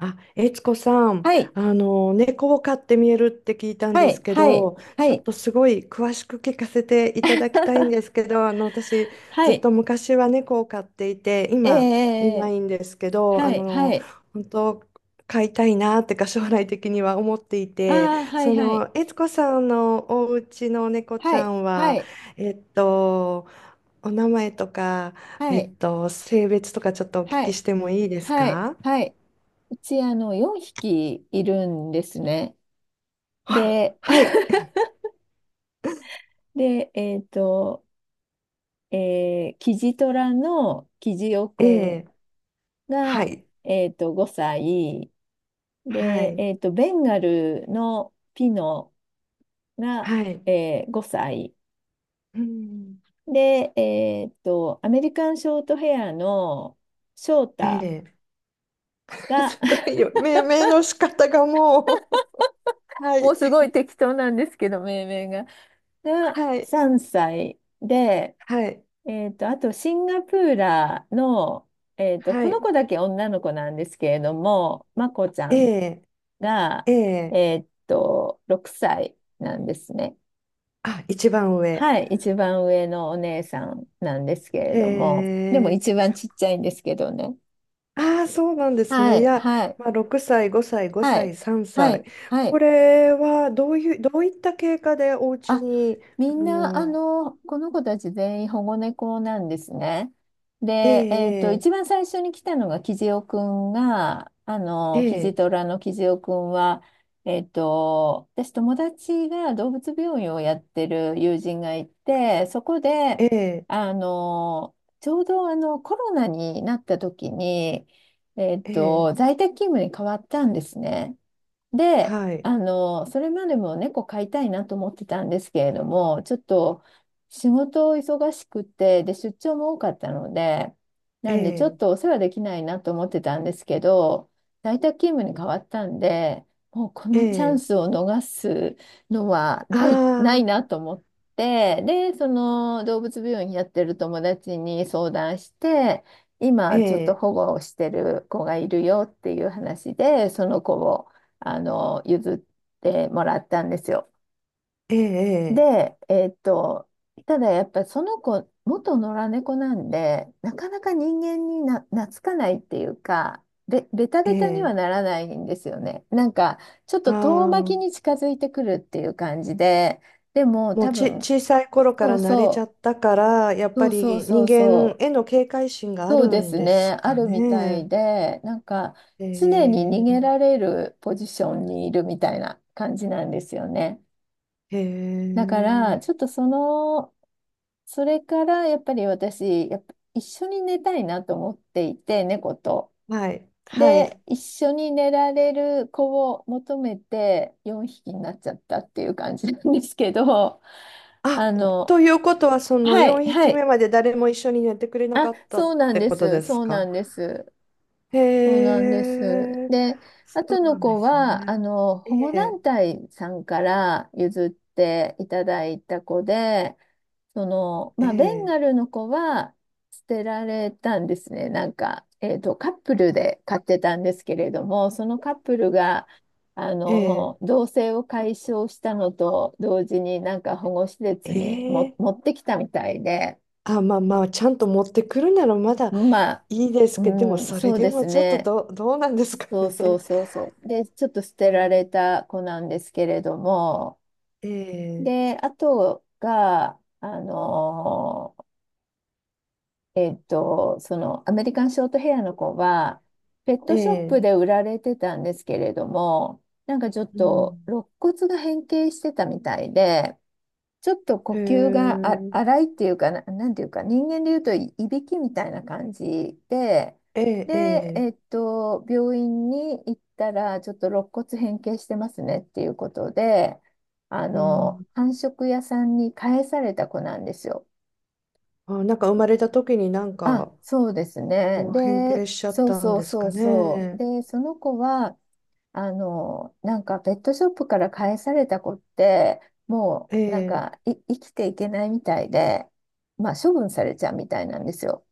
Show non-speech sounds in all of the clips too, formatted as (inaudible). あ、悦子さん、はい、猫を飼って見えるって聞いたんはですい、けはい、ど、はちょっい、とすごい詳しく聞かせていただきたいんですけど、私、はずっい、と昔は猫を飼っていて、え今いなえいんですけど、はい、はい、本当、飼いたいなってか、将来的には思っていあて、あ、はい、はい、悦子さんのお家の猫ちはゃい、んはは、い、えっと、お名前とか、はい、性別とかちょっとお聞はきい、してもいいですはい、か？はい。うち、あの、4匹いるんですね。あら、で、はい。(laughs) で、キジトラのキジオえくんえ、はが、い、5歳。はで、い、ベンガルのピノが、はい、5歳。うん、で、アメリカンショートヘアの翔え太え、(laughs) が、 すごいよ、命名の仕方がもう。 (laughs) (laughs) はもうい、すごい適当なんですけど、命名が。はい、3歳で、はい、あとシンガプーラーの、はこのい、子だけ女の子なんですけれども、まこちゃえんえ、が、ええ、6歳なんですね。あ、一番上。はい、一番上のお姉さんなんですけれへども、でもえ、一番ちっちゃいんですけどね。ああ、そうなんですはね、いい、や、はい。まあ、6歳、5歳、は5歳、い、3は歳、い、はこい。れはどういった経過でお家あ、に、みんあな、あの、の、この子たち全員保護猫なんですね。えで、えっと、え、一番最初に来たのがえキジえ、トラのキジオくんは、えっと、友達が動物病院をやってる友人がいて、そこで、ええ、あの、ちょうどコロナになった時に、えっええ、えと、え、在宅勤務に変わったんですね。で、はい、あの、それまでも猫飼いたいなと思ってたんですけれども、ちょっと仕事を忙しくて、で、出張も多かったので、えなんでちょっえ、とお世話できないなと思ってたんですけど、在宅勤務に変わったんで、もうこえのチャンえ、スを逃すのはあないあ、なと思って、で、その動物病院やってる友達に相談して、え今ちょっとえ、保護をしてる子がいるよっていう話で、その子をあの、譲ってもらったんですよ。ええ、で、えーっと、ただやっぱりその子、元野良猫なんで、なかなか人間に懐かないっていうか、ベタえベタにはえ、ならないんですよね。なんか、ちょっあと遠巻あきー、に近づいてくるっていう感じで、でももう多ち、分、小さい頃かそらう慣れちゃそったから、やっぱう、そうそうりそ人う間そう、への警戒心があそるうでんすですね、あかるみたね。いで、なんか、え常に逃げらえ、れるポジションにいるみたいな感じなんですよね。えだから、え、ちょっとその、それからやっぱり私、やっぱ一緒に寝たいなと思っていて、猫と。はい、はで、い。一緒に寝られる子を求めて4匹になっちゃったっていう感じなんですけど、(laughs) あ、あの、ということは、そのはい、4は匹い。目まで誰も一緒に寝てくれなあ、かったっそうなんてでことす。ですか？へそうなんです。え、で、あそうとのなんで子すは、あね。の、え保護え、団体さんから譲っていただいた子で、その、えまあ、ベンえ、ガルの子は捨てられたんですね。なんか、えっと、カップルで飼ってたんですけれども、そのカップルが、あええ、の、同棲を解消したのと同時に、なんか保護施設にもええ、持ってきたみたいで、あ、まあまあ、ちゃんと持ってくるならまだまあ、いいですけど、でもうん、それそうででもすちょっとね。どうなんですかね。そう。で、ちょっと捨 (laughs) てうられん、た子なんですけれども、ええで、あとが、えっと、そのアメリカンショートヘアの子は、ペットショップえでえ、売られてたんですけれども、なんかちょっうとん。肋骨が変形してたみたいで、ちょっと呼へ吸がえ、荒いっていうかな、なんていうか、人間でいうといびきみたいな感じで、ええで、ええっえ、と、病院に行ったら、ちょっと肋骨変形してますねっていうことで、あうの、ん。繁殖屋さんに返された子なんですよ。あ、なんか生まれた時になんあ、かそうですね。こう変で、形しちゃったんですかね。で、その子は、あの、なんかペットショップから返された子って、もうなんええかい生きていけないみたいで、まあ処分されちゃうみたいなんですよ。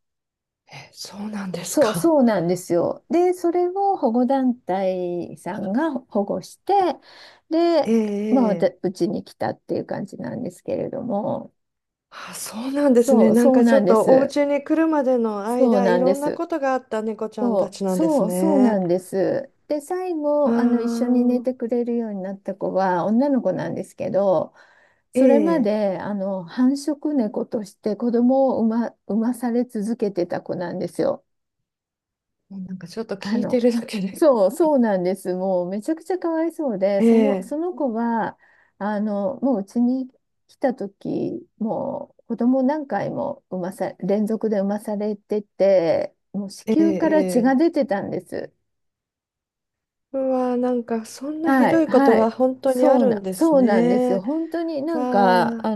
え、そうなんですか。そうなんですよ。で、それを保護団体さんが保護して、で、えまあ、えええ、うちに来たっていう感じなんですけれども、あ、そうなんですそね。うなんそうかちなょんっでとおす。家に来るまでのそう間、ないんろでんなす。ことがあった猫ちゃんたちなんですそうなね。んです。で、最あ後、あの、一緒に寝あ。てくれるようになった子は女の子なんですけど、えそれまえ、で、あの、繁殖猫として子供を産まされ続けてた子なんですよ。もうなんかちょっとあ聞いての、るだけで。そうなんです。もうめちゃくちゃかわいそうで、ええ、その子は、あの、もううちに来た時、もう子供何回も産まさ、連続で産まされてて、もう子ええ、宮から血えがえ。出てたんです。うわ、なんかそんなひはどい、いことはがい。本当にあるんですそうなんですよ。ね。本当になんか、わあ、あ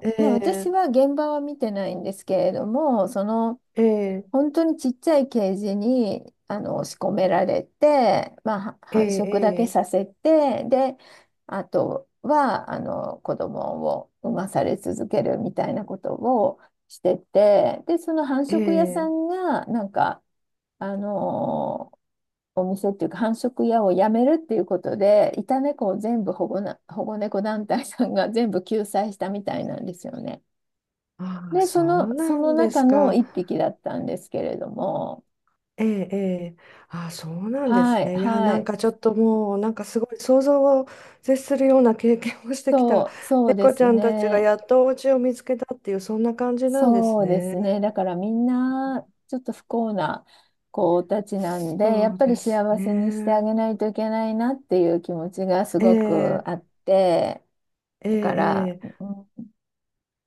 えまあ私え、は現場は見てないんですけれども、その、ええ、本当にちっちゃいケージに、あの、仕込められて、まあええ、繁殖だけえさえ。せて、で、あとは、あの、子供を産まされ続けるみたいなことをしてて、で、その繁え殖屋さんえ、が、なんか、あのお店っていうか繁殖屋をやめるっていうことで、いた猫を全部保護な、保護猫団体さんが全部救済したみたいなんですよね。ああ、で、そうそなのんで中すのか。一匹だったんですけれども、ええ、ええ。ああ、そうなんではすい、ね。いや、はなんい、かちょっともう、なんかすごい想像を絶するような経験をしてきた。そうで猫ちすゃんたちがね。やっとお家を見つけたっていう、そんな感じなんですそうですね。ね。だからみんな、ちょっと不幸な子たちなんで、やそっうぱでりす幸せにしてあね。げないといけないなっていう気持ちがすごえくあえって、えだから、えええ、うん、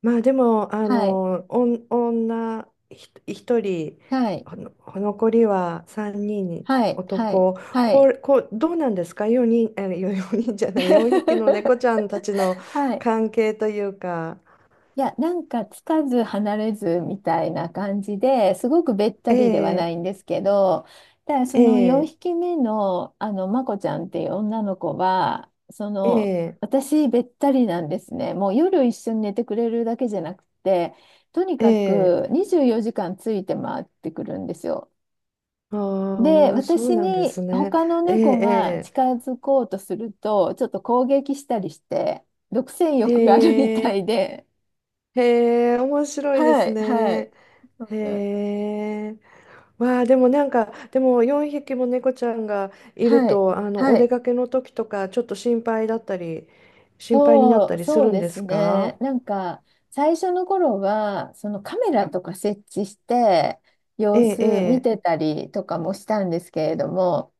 まあでも、はい、おん女ひ一人、はい。ほの残りは3人にんにはい、はい、男、はこい。れこう、どうなんですか ?4 人、え、あよ四人じゃない、4匹の猫 (laughs) ちゃんたちのはい。関係というか、いや、なんかつかず離れずみたいな感じですごくべったえりではなえいんですけど、ただそえの4え匹目の、あの、まこちゃんっていう女の子は、その、ええ私べったりなんですね。もう夜一緒に寝てくれるだけじゃなくて、とにかええ、く24時間ついて回ってくるんですよ。ああで、ー、そう私なんでにすね。他のえ猫がえ近づこうとすると、ちょっと攻撃したりして、独占ええ、欲があるみへたえ、いで、へえ、面白いではすい、はい、ね。うへんえ。わあ、でもなんか、でも4匹も猫ちゃんがいるはい、と、おは出い、かけの時とか、ちょっと心配だったり、心配になったりすそうるんでですすか？ね。なんか、最初の頃は、そのカメラとか設置して、え様え、子見えてたりとかもしたんですけれども、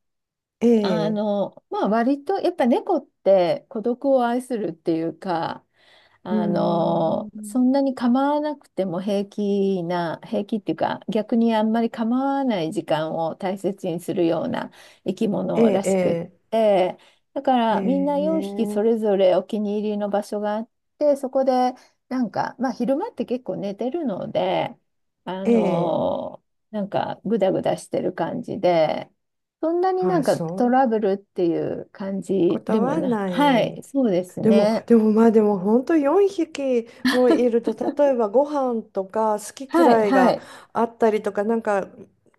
え、えあえ、の、まあ割と、やっぱ猫って孤独を愛するっていうか、うーあの、そん、んなに構わなくても平気な、平気っていうか、逆にあんまり構わない時間を大切にするような生きえ物らしくっえ、て、だかええ、らみんな4匹えそえ、れぞれお気に入りの場所があって、そこでなんか、まあ昼間って結構寝てるので、あええ、の、なんかグダグダしてる感じで、そんなにあなんあ、かそうトいうラブルっていう感こじでともはな、なはい。い、そうですでも、ね。でもまあでも本当4匹もいると例えばご飯とか好きはい、嫌いはがい、あったりとかなんか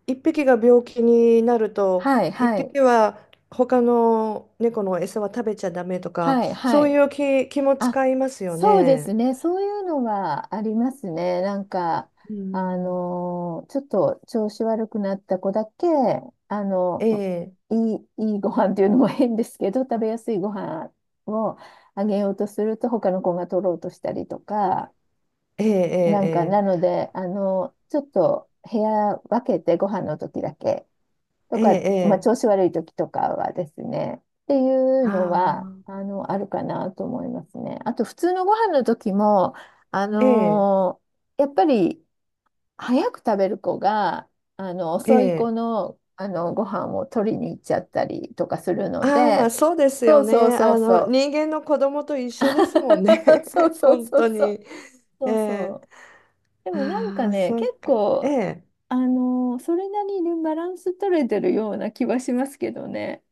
一匹が病気になるとはい、一はい、匹は他の猫の餌は食べちゃダメとかはい、はそういい。う気もあ、使いますよそうでね。すね。そういうのはありますね。なんか、うあん。のーちょっと調子悪くなった子だけ、あの、ええいいご飯っていうのも変ですけど、食べやすいご飯をあげようとすると、他の子が取ろうとしたりとか、えなんか、えなえので、あの、ちょっと部屋分けてご飯の時だけとえええか、えまあ、ええ、調子悪い時とかはですね、っていうのは、あああ、の、あるかなと思いますね。あと、普通のご飯の時も、あええのーやっぱり、早く食べる子が、あの、え遅い子え、の、あの、ご飯を取りに行っちゃったりとかするのああ、まあで、そうですそようそうね。そうそう。人間の子供と一緒ですもんね。(laughs) そう (laughs) そう本そ当うそう。に。えそうそえ、う。でもなんかああ、ね、そっ結か。え構、え、あのーそれなりにバランス取れてるような気はしますけどね。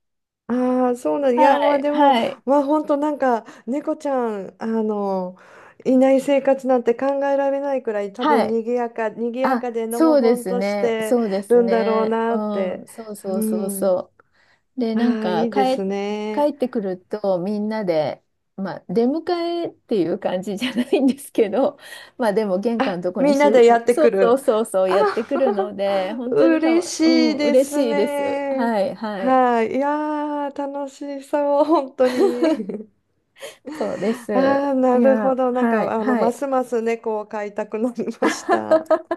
ああ、そうなん、いはや、まあい、でも、はい、まあ本当なんか、猫ちゃん、いない生活なんて考えられないくらい、多は分い。賑やか、賑やあ、かでのほそうでほんすとしね、てるんだろうなっうて。ん、そううそうそうん。そう。で、あなんあ、か、いいです帰ね。ってくると、みんなで、まあ、出迎えっていう感じじゃないんですけど、(laughs) まあ、でも、玄関あ、のとこにみんしなゅ、でやってそくうそうる。そうそう、あ、やってくるので、(laughs) 本当にか嬉わ、うしいん、で嬉すしいです。ね。はい、はい。はい。いやー、楽しそう、本当に。そうです。(laughs) ああ、いなるほや、ど。なんはか、い、はまい。すます猫を飼いたくなりました。(laughs)